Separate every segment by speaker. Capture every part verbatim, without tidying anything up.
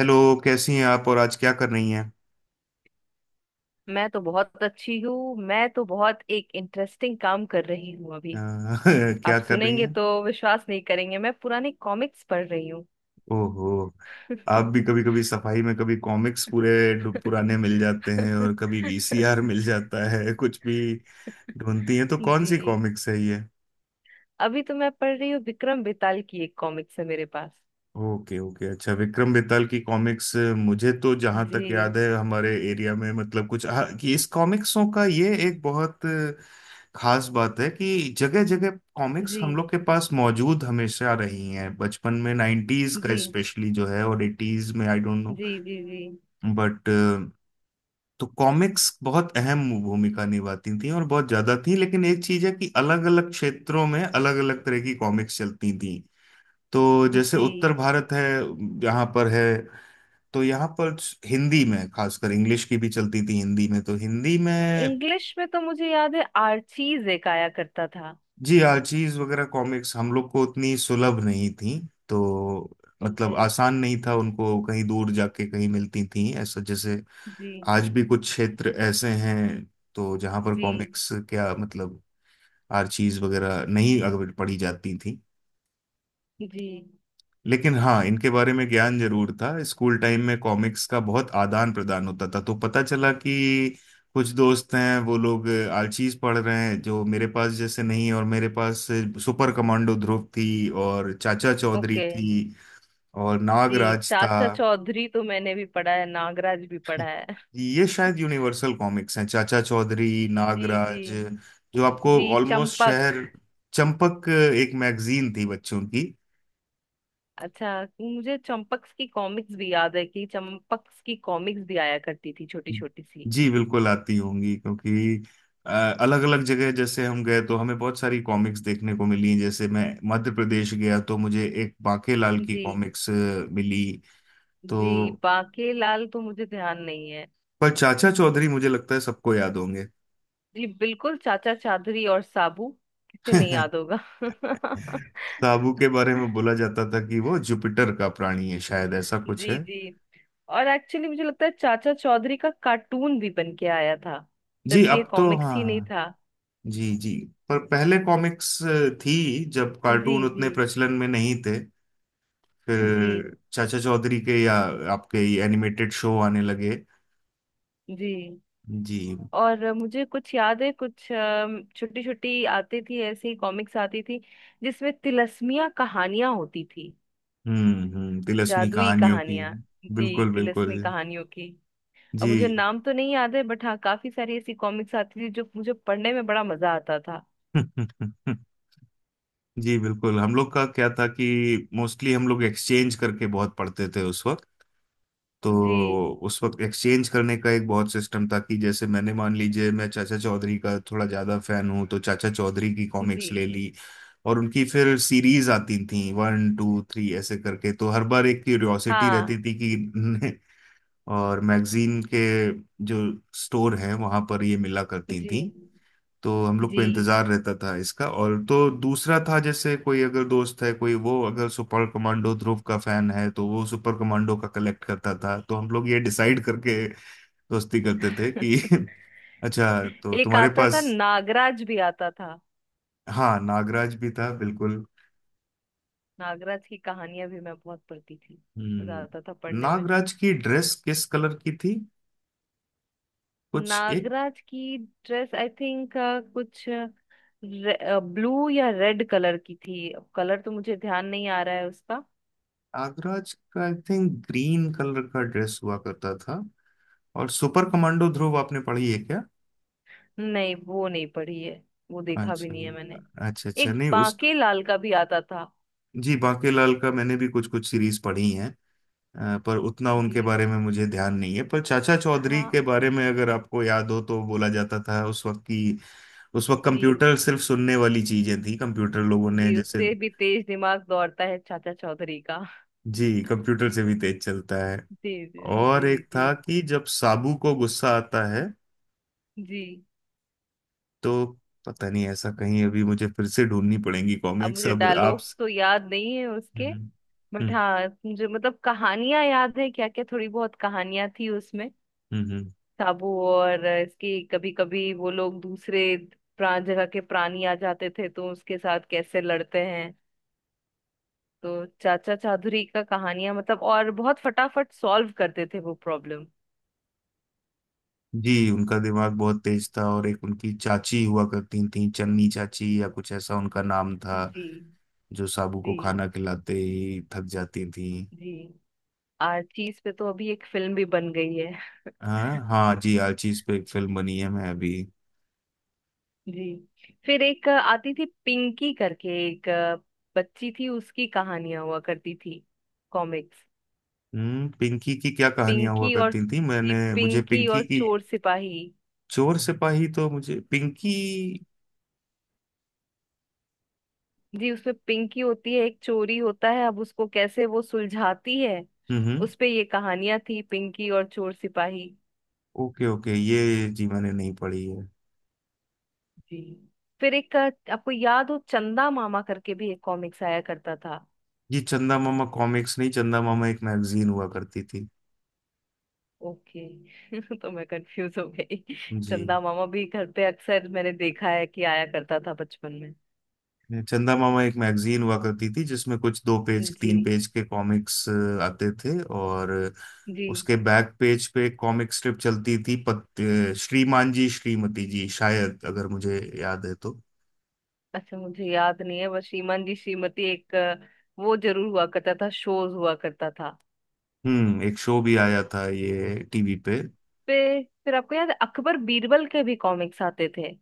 Speaker 1: Hello. कैसी हैं आप और आज क्या कर रही हैं?
Speaker 2: मैं तो बहुत अच्छी हूँ। मैं तो बहुत एक इंटरेस्टिंग काम कर रही हूँ
Speaker 1: अ,
Speaker 2: अभी।
Speaker 1: क्या
Speaker 2: आप
Speaker 1: कर रही
Speaker 2: सुनेंगे
Speaker 1: हैं?
Speaker 2: तो विश्वास नहीं करेंगे, मैं पुराने कॉमिक्स पढ़ रही हूँ।
Speaker 1: ओहो। आप भी कभी कभी सफाई में कभी कॉमिक्स पूरे पुराने मिल जाते हैं और कभी वीसीआर मिल जाता है कुछ भी ढूंढती हैं, तो कौन सी
Speaker 2: जी,
Speaker 1: कॉमिक्स है?
Speaker 2: अभी तो मैं पढ़ रही हूँ, विक्रम बेताल की एक कॉमिक्स है मेरे पास।
Speaker 1: ओके ओके, अच्छा विक्रम बेताल की कॉमिक्स। मुझे तो जहां तक याद
Speaker 2: जी
Speaker 1: है हमारे एरिया में मतलब कुछ हाँ, कि इस कॉमिक्सों का ये एक बहुत खास बात है कि जगह जगह कॉमिक्स
Speaker 2: जी
Speaker 1: हम लोग के पास मौजूद हमेशा रही हैं बचपन में। नाइन्टीज का
Speaker 2: जी
Speaker 1: स्पेशली जो है और एटीज में। आई डोंट नो
Speaker 2: जी जी जी
Speaker 1: बट, तो कॉमिक्स बहुत अहम भूमिका निभाती थी और बहुत ज्यादा थी। लेकिन एक चीज है कि अलग अलग क्षेत्रों में अलग अलग तरह की कॉमिक्स चलती थी। तो जैसे
Speaker 2: जी
Speaker 1: उत्तर भारत है, यहाँ पर है, तो यहाँ पर हिंदी में खासकर, इंग्लिश की भी चलती थी, हिंदी में तो हिंदी में।
Speaker 2: इंग्लिश में तो मुझे याद है, आर्चीज एक आया करता था।
Speaker 1: जी, आर्चीज वगैरह कॉमिक्स हम लोग को उतनी सुलभ नहीं थी। तो मतलब
Speaker 2: ओके।
Speaker 1: आसान नहीं था, उनको कहीं दूर जाके कहीं मिलती थी ऐसा। जैसे
Speaker 2: जी
Speaker 1: आज भी कुछ क्षेत्र ऐसे हैं तो, जहाँ पर
Speaker 2: जी
Speaker 1: कॉमिक्स क्या मतलब आर्चीज वगैरह नहीं अगर पढ़ी जाती थी।
Speaker 2: जी
Speaker 1: लेकिन हाँ, इनके बारे में ज्ञान जरूर था। स्कूल टाइम में कॉमिक्स का बहुत आदान प्रदान होता था, तो पता चला कि कुछ दोस्त हैं, वो लोग आलचीज पढ़ रहे हैं जो मेरे पास जैसे नहीं, और मेरे पास सुपर कमांडो ध्रुव थी और चाचा चौधरी
Speaker 2: ओके।
Speaker 1: थी और
Speaker 2: जी।
Speaker 1: नागराज था।
Speaker 2: चाचा चौधरी तो मैंने भी पढ़ा है, नागराज भी पढ़ा है।
Speaker 1: ये शायद यूनिवर्सल कॉमिक्स हैं, चाचा चौधरी
Speaker 2: जी जी
Speaker 1: नागराज जो आपको
Speaker 2: जी
Speaker 1: ऑलमोस्ट
Speaker 2: चंपक।
Speaker 1: शहर। चंपक एक मैगजीन थी बच्चों की।
Speaker 2: अच्छा, मुझे चंपक्स की कॉमिक्स भी याद है, कि चंपक्स की कॉमिक्स भी आया करती थी छोटी छोटी सी।
Speaker 1: जी बिल्कुल आती होंगी क्योंकि अलग अलग जगह जैसे हम गए तो हमें बहुत सारी कॉमिक्स देखने को मिली। जैसे मैं मध्य प्रदेश गया तो मुझे एक बांके लाल की
Speaker 2: जी।
Speaker 1: कॉमिक्स मिली तो।
Speaker 2: जी बाके लाल तो मुझे ध्यान नहीं है।
Speaker 1: पर चाचा चौधरी मुझे लगता है सबको याद होंगे
Speaker 2: जी बिल्कुल, चाचा चादरी और साबू, किसे नहीं याद होगा।
Speaker 1: साबू के बारे में बोला जाता था कि वो जुपिटर का प्राणी है, शायद ऐसा कुछ
Speaker 2: जी
Speaker 1: है।
Speaker 2: जी और एक्चुअली मुझे लगता है चाचा चौधरी का कार्टून भी बन के आया था।
Speaker 1: जी
Speaker 2: सिर्फ ये
Speaker 1: अब तो
Speaker 2: कॉमिक्स ही नहीं
Speaker 1: हाँ।
Speaker 2: था।
Speaker 1: जी जी। पर पहले कॉमिक्स थी, जब कार्टून
Speaker 2: जी जी
Speaker 1: उतने प्रचलन में नहीं थे।
Speaker 2: जी
Speaker 1: फिर चाचा चौधरी के या आपके ये एनिमेटेड शो आने लगे।
Speaker 2: जी।
Speaker 1: जी।
Speaker 2: और मुझे कुछ याद है, कुछ छोटी छोटी आती थी, ऐसी कॉमिक्स आती थी जिसमें तिलस्मिया कहानियां होती थी।
Speaker 1: हम्म हम्म तिलस्मी
Speaker 2: जादुई
Speaker 1: कहानियों की।
Speaker 2: कहानियां। जी,
Speaker 1: बिल्कुल बिल्कुल।
Speaker 2: तिलस्मी कहानियों की। अब मुझे
Speaker 1: जी।
Speaker 2: नाम तो नहीं याद है, बट हाँ, काफी सारी ऐसी कॉमिक्स आती थी जो मुझे पढ़ने में बड़ा मजा आता था।
Speaker 1: जी, बिल्कुल हम लोग का क्या था कि मोस्टली हम लोग एक्सचेंज करके बहुत पढ़ते थे उस वक्त। तो
Speaker 2: जी
Speaker 1: उस वक्त एक्सचेंज करने का एक बहुत सिस्टम था कि जैसे मैंने मान लीजिए, मैं चाचा चौधरी का थोड़ा ज्यादा फैन हूँ, तो चाचा चौधरी की
Speaker 2: जी
Speaker 1: कॉमिक्स ले ली। और उनकी फिर सीरीज आती थी वन टू थ्री ऐसे करके, तो हर बार एक क्यूरियोसिटी
Speaker 2: हाँ।
Speaker 1: रहती थी कि और मैगजीन के जो स्टोर हैं वहां पर ये मिला करती
Speaker 2: जी
Speaker 1: थी। तो हम लोग को
Speaker 2: जी
Speaker 1: इंतजार रहता था इसका। और तो दूसरा था जैसे कोई अगर दोस्त है कोई, वो अगर सुपर कमांडो ध्रुव का फैन है तो वो सुपर कमांडो का कलेक्ट करता था। तो हम लोग ये डिसाइड करके दोस्ती करते थे कि अच्छा तो
Speaker 2: एक
Speaker 1: तुम्हारे
Speaker 2: आता था
Speaker 1: पास।
Speaker 2: नागराज भी आता था।
Speaker 1: हाँ, नागराज भी था बिल्कुल।
Speaker 2: नागराज की कहानियां भी मैं बहुत पढ़ती थी। मजा आता था
Speaker 1: हम्म।
Speaker 2: पढ़ने में।
Speaker 1: नागराज की ड्रेस किस कलर की थी? कुछ एक।
Speaker 2: नागराज की ड्रेस आई थिंक कुछ ब्लू या रेड कलर की थी। कलर तो मुझे ध्यान नहीं आ रहा है उसका।
Speaker 1: नागराज का आई थिंक ग्रीन कलर का ड्रेस हुआ करता था। और सुपर कमांडो ध्रुव आपने पढ़ी है क्या?
Speaker 2: नहीं, वो नहीं पढ़ी है। वो देखा भी
Speaker 1: अच्छा
Speaker 2: नहीं है मैंने।
Speaker 1: अच्छा अच्छा
Speaker 2: एक
Speaker 1: नहीं उस।
Speaker 2: बांके लाल का भी आता था।
Speaker 1: जी बाकीलाल का मैंने भी कुछ कुछ सीरीज पढ़ी हैं। अ, पर उतना उनके
Speaker 2: जी।
Speaker 1: बारे में मुझे ध्यान नहीं है। पर चाचा चौधरी
Speaker 2: हाँ।
Speaker 1: के बारे में अगर आपको याद हो, तो बोला जाता था उस वक्त की उस वक्त
Speaker 2: जी
Speaker 1: कंप्यूटर सिर्फ सुनने वाली चीजें थी, कंप्यूटर लोगों ने
Speaker 2: जी
Speaker 1: जैसे।
Speaker 2: उससे भी तेज दिमाग दौड़ता है चाचा चौधरी का।
Speaker 1: जी कंप्यूटर से भी तेज चलता है।
Speaker 2: जी जी
Speaker 1: और
Speaker 2: जी
Speaker 1: एक
Speaker 2: जी
Speaker 1: था कि जब साबू को गुस्सा आता है
Speaker 2: जी।
Speaker 1: तो पता नहीं ऐसा कहीं अभी मुझे फिर से ढूंढनी पड़ेंगी
Speaker 2: अब
Speaker 1: कॉमिक्स
Speaker 2: मुझे
Speaker 1: अब आप।
Speaker 2: डायलॉग्स तो याद नहीं है उसके।
Speaker 1: हम्म।
Speaker 2: बट
Speaker 1: हम्म।
Speaker 2: हाँ, मुझे मतलब कहानियां याद है, क्या क्या थोड़ी बहुत कहानियां थी उसमें।
Speaker 1: हम्म, हम्म।
Speaker 2: साबू और इसकी, कभी कभी वो लोग दूसरे प्राण जगह के प्राणी आ जाते थे तो उसके साथ कैसे लड़ते हैं। तो चाचा चादुरी का कहानियां मतलब, और बहुत फटाफट सॉल्व करते थे वो प्रॉब्लम।
Speaker 1: जी उनका दिमाग बहुत तेज था, और एक उनकी चाची हुआ करती थी चन्नी चाची या कुछ ऐसा उनका नाम था,
Speaker 2: जी
Speaker 1: जो साबू को
Speaker 2: जी
Speaker 1: खाना खिलाते ही थक जाती थी।
Speaker 2: जी आर्चीज पे तो अभी एक फिल्म भी बन गई है।
Speaker 1: हाँ हाँ जी, आलची पे एक फिल्म बनी है, मैं अभी।
Speaker 2: जी। फिर एक आती थी पिंकी करके, एक बच्ची थी, उसकी कहानियां हुआ करती थी, कॉमिक्स।
Speaker 1: हम्म। पिंकी की क्या कहानियां हुआ
Speaker 2: पिंकी और,
Speaker 1: करती थी?
Speaker 2: जी
Speaker 1: मैंने मुझे
Speaker 2: पिंकी
Speaker 1: पिंकी
Speaker 2: और
Speaker 1: की।
Speaker 2: चोर सिपाही।
Speaker 1: चोर सिपाही, तो मुझे पिंकी।
Speaker 2: जी, उसमें पिंकी होती है, एक चोरी होता है, अब उसको कैसे वो सुलझाती है।
Speaker 1: हम्म हम्म।
Speaker 2: उस पे ये कहानियां थी, पिंकी और चोर सिपाही।
Speaker 1: ओके ओके, ये जी मैंने नहीं पढ़ी है।
Speaker 2: जी, फिर एक अ, आपको याद हो चंदा मामा करके भी एक कॉमिक्स आया करता था।
Speaker 1: जी चंदा मामा कॉमिक्स नहीं, चंदा मामा एक मैगजीन हुआ करती थी।
Speaker 2: ओके। तो मैं कंफ्यूज हो गई।
Speaker 1: जी
Speaker 2: चंदा मामा भी घर पे अक्सर मैंने देखा है कि आया करता था बचपन में।
Speaker 1: चंदा मामा एक मैगजीन हुआ करती थी जिसमें कुछ दो पेज
Speaker 2: जी
Speaker 1: तीन पेज के कॉमिक्स आते थे। और
Speaker 2: जी
Speaker 1: उसके बैक पेज पे कॉमिक स्ट्रिप चलती थी, पत, अ, श्रीमान जी श्रीमती जी शायद, अगर मुझे याद है तो।
Speaker 2: अच्छा, मुझे याद नहीं है, बस श्रीमान जी श्रीमती एक, अ, वो जरूर हुआ करता था, शोज हुआ करता था।
Speaker 1: हम्म, एक शो भी आया था ये टीवी पे।
Speaker 2: पे फिर आपको याद है अकबर बीरबल के भी कॉमिक्स आते थे।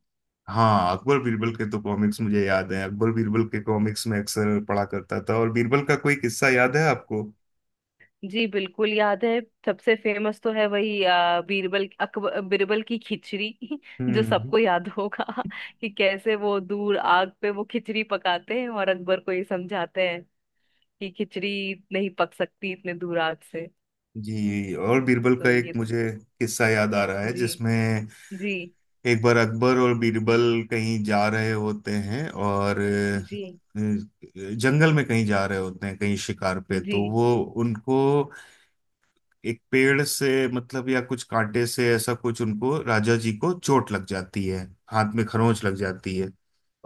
Speaker 1: हाँ अकबर बीरबल के तो कॉमिक्स मुझे याद है। अकबर बीरबल के कॉमिक्स में अक्सर पढ़ा करता था। और बीरबल का कोई किस्सा याद है आपको?
Speaker 2: जी बिल्कुल याद है। सबसे फेमस तो है वही आ, बीरबल अकबर बीरबल की खिचड़ी जो
Speaker 1: हम्म।
Speaker 2: सबको याद होगा। कि कैसे वो दूर आग पे वो खिचड़ी पकाते हैं और अकबर को ये समझाते हैं कि खिचड़ी नहीं पक सकती इतने दूर आग से।
Speaker 1: जी और बीरबल का
Speaker 2: तो
Speaker 1: एक
Speaker 2: ये तो,
Speaker 1: मुझे किस्सा याद आ रहा है,
Speaker 2: जी
Speaker 1: जिसमें
Speaker 2: जी
Speaker 1: एक बार अकबर और बीरबल कहीं जा रहे होते हैं और
Speaker 2: जी
Speaker 1: अ, जंगल में कहीं जा रहे होते हैं, कहीं शिकार पे,
Speaker 2: जी
Speaker 1: तो वो उनको एक पेड़ से मतलब या कुछ कांटे से ऐसा कुछ उनको राजा जी को चोट लग जाती है। हाथ में खरोंच लग जाती है।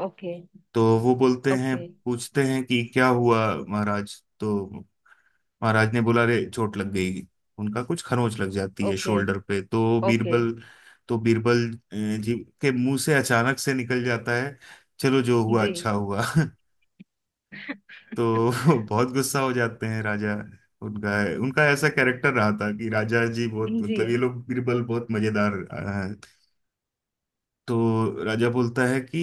Speaker 2: ओके।
Speaker 1: तो वो बोलते हैं,
Speaker 2: ओके
Speaker 1: पूछते हैं कि क्या हुआ महाराज, तो महाराज ने बोला रे चोट लग गई। उनका कुछ खरोंच लग जाती है
Speaker 2: ओके
Speaker 1: शोल्डर पे। तो
Speaker 2: ओके
Speaker 1: बीरबल तो बीरबल अ, जी के मुंह से अचानक से निकल जाता है चलो जो हुआ
Speaker 2: जी।
Speaker 1: अच्छा हुआ तो बहुत गुस्सा हो जाते हैं राजा। उनका उनका ऐसा कैरेक्टर रहा था कि राजा जी बहुत
Speaker 2: जी
Speaker 1: मतलब, ये लोग बीरबल बहुत मजेदार। तो राजा बोलता है कि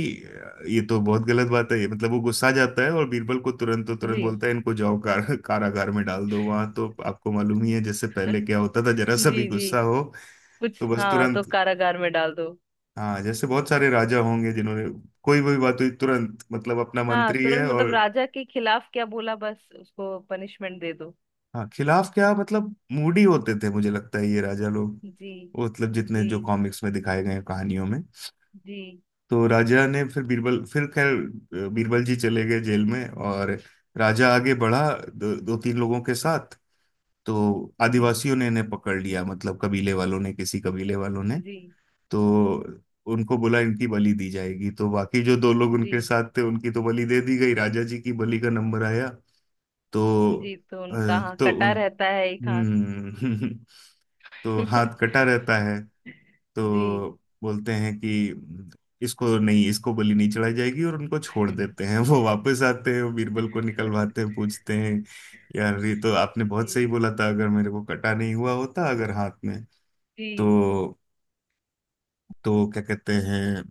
Speaker 1: ये तो बहुत गलत बात है, ये मतलब वो गुस्सा आ जाता है और बीरबल को तुरंत तो तुरंत
Speaker 2: जी
Speaker 1: बोलता है इनको जाओ कार, कारागार में डाल दो। वहां तो आपको मालूम ही है जैसे पहले क्या होता था जरा सा भी
Speaker 2: जी जी
Speaker 1: गुस्सा हो।
Speaker 2: कुछ
Speaker 1: तो बस
Speaker 2: हाँ, तो
Speaker 1: तुरंत।
Speaker 2: कारागार में डाल दो।
Speaker 1: हाँ जैसे बहुत सारे राजा होंगे जिन्होंने कोई भी बात हुई तुरंत मतलब अपना
Speaker 2: हाँ,
Speaker 1: मंत्री है
Speaker 2: तुरंत मतलब
Speaker 1: और।
Speaker 2: राजा के खिलाफ क्या बोला, बस उसको पनिशमेंट दे दो।
Speaker 1: हाँ खिलाफ क्या मतलब, मूडी होते थे मुझे लगता है ये राजा लोग,
Speaker 2: जी
Speaker 1: वो मतलब जितने
Speaker 2: जी
Speaker 1: जो कॉमिक्स में दिखाए गए हैं, कहानियों में।
Speaker 2: जी
Speaker 1: तो राजा ने फिर बीरबल फिर खैर, अ, बीरबल जी चले गए जेल में। और राजा आगे बढ़ा दो, दो तीन लोगों के साथ। तो
Speaker 2: जी
Speaker 1: आदिवासियों ने इन्हें पकड़ लिया, मतलब कबीले वालों ने, किसी कबीले वालों ने,
Speaker 2: जी
Speaker 1: तो उनको बोला इनकी बलि दी जाएगी। तो बाकी जो दो लोग
Speaker 2: जी
Speaker 1: उनके साथ थे उनकी तो बलि दे दी गई। राजा जी की बलि का नंबर आया। तो
Speaker 2: जी तो
Speaker 1: अ,
Speaker 2: उनका, हाँ,
Speaker 1: तो
Speaker 2: कटा
Speaker 1: उन।
Speaker 2: रहता है एक हाथ।
Speaker 1: हम्म। तो हाथ कटा रहता है।
Speaker 2: जी।
Speaker 1: तो बोलते हैं कि इसको नहीं, इसको बलि नहीं चढ़ाई जाएगी, और उनको छोड़ देते हैं वो वापस आते हैं, वो बीरबल को निकलवाते हैं, पूछते हैं यार ये तो आपने बहुत
Speaker 2: जी
Speaker 1: सही बोला था, अगर मेरे को कटा नहीं हुआ होता, अगर हाथ में।
Speaker 2: जी
Speaker 1: तो तो क्या कहते हैं,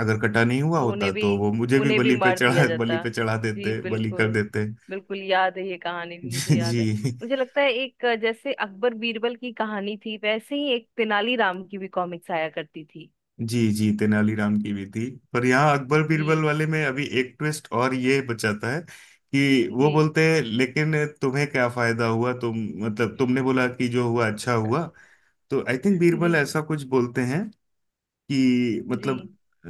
Speaker 1: अगर कटा नहीं हुआ
Speaker 2: तो उन्हें
Speaker 1: होता
Speaker 2: भी,
Speaker 1: तो वो मुझे भी
Speaker 2: उन्हें भी
Speaker 1: बलि पे
Speaker 2: मार दिया
Speaker 1: चढ़ा बलि
Speaker 2: जाता।
Speaker 1: पे चढ़ा
Speaker 2: जी
Speaker 1: देते, बलि कर
Speaker 2: बिल्कुल,
Speaker 1: देते
Speaker 2: बिल्कुल याद है, ये कहानी भी मुझे याद
Speaker 1: जी
Speaker 2: है। मुझे लगता है एक, अ, जैसे अकबर बीरबल की कहानी थी वैसे ही एक तेनालीराम की भी कॉमिक्स आया करती थी।
Speaker 1: जी। जी तेनालीराम की भी थी, पर यहाँ अकबर
Speaker 2: जी
Speaker 1: बीरबल वाले में अभी एक ट्विस्ट और, ये बचाता है कि वो
Speaker 2: जी
Speaker 1: बोलते हैं लेकिन तुम्हें क्या फायदा हुआ, तुम मतलब तुमने बोला कि जो हुआ अच्छा हुआ। तो आई थिंक बीरबल
Speaker 2: जी
Speaker 1: ऐसा कुछ बोलते हैं कि
Speaker 2: जी
Speaker 1: मतलब अ,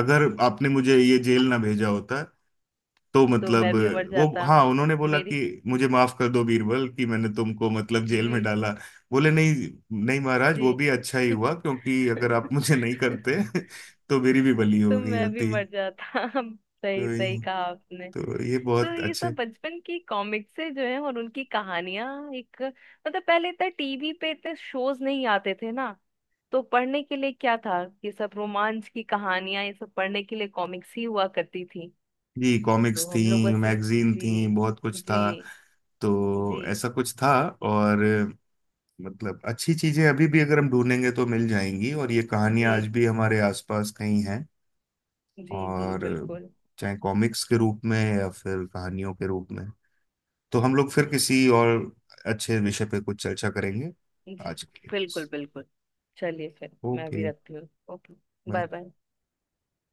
Speaker 1: अगर आपने मुझे ये जेल ना भेजा होता तो
Speaker 2: तो
Speaker 1: मतलब।
Speaker 2: मैं भी मर
Speaker 1: वो
Speaker 2: जाता।
Speaker 1: हाँ, उन्होंने बोला
Speaker 2: मेरी,
Speaker 1: कि मुझे माफ कर दो बीरबल, कि मैंने तुमको मतलब जेल
Speaker 2: जी
Speaker 1: में डाला। बोले नहीं, नहीं महाराज वो भी
Speaker 2: जी
Speaker 1: अच्छा ही हुआ, क्योंकि अगर आप मुझे नहीं करते तो मेरी भी बलि
Speaker 2: तो
Speaker 1: हो गई
Speaker 2: मैं भी
Speaker 1: होती।
Speaker 2: मर जाता। सही
Speaker 1: तो
Speaker 2: सही
Speaker 1: ये-
Speaker 2: कहा आपने।
Speaker 1: तो ये
Speaker 2: तो
Speaker 1: बहुत
Speaker 2: ये सब
Speaker 1: अच्छे।
Speaker 2: बचपन की कॉमिक्स से जो है, और उनकी कहानियां, एक मतलब पहले इतना टीवी पे इतने शोज नहीं आते थे ना, तो पढ़ने के लिए क्या था, ये सब रोमांच की कहानियां, ये सब पढ़ने के लिए कॉमिक्स ही हुआ करती थी।
Speaker 1: जी, कॉमिक्स
Speaker 2: तो
Speaker 1: थी
Speaker 2: हम लोग बस इस,
Speaker 1: मैगजीन थी
Speaker 2: जी।
Speaker 1: बहुत कुछ था।
Speaker 2: जी
Speaker 1: तो
Speaker 2: जी
Speaker 1: ऐसा कुछ था। और मतलब अच्छी चीजें अभी भी अगर हम ढूंढेंगे तो मिल जाएंगी। और ये
Speaker 2: जी
Speaker 1: कहानियां आज भी हमारे आसपास कहीं हैं।
Speaker 2: जी जी
Speaker 1: और
Speaker 2: बिल्कुल।
Speaker 1: चाहे कॉमिक्स के रूप में या फिर कहानियों के रूप में। तो हम लोग फिर किसी और अच्छे विषय पे कुछ चर्चा करेंगे।
Speaker 2: जी,
Speaker 1: आज के लिए।
Speaker 2: बिल्कुल बिल्कुल चलिए, फिर मैं
Speaker 1: ओके।
Speaker 2: भी रखती हूँ। ओके। Bye
Speaker 1: bye.
Speaker 2: बाय।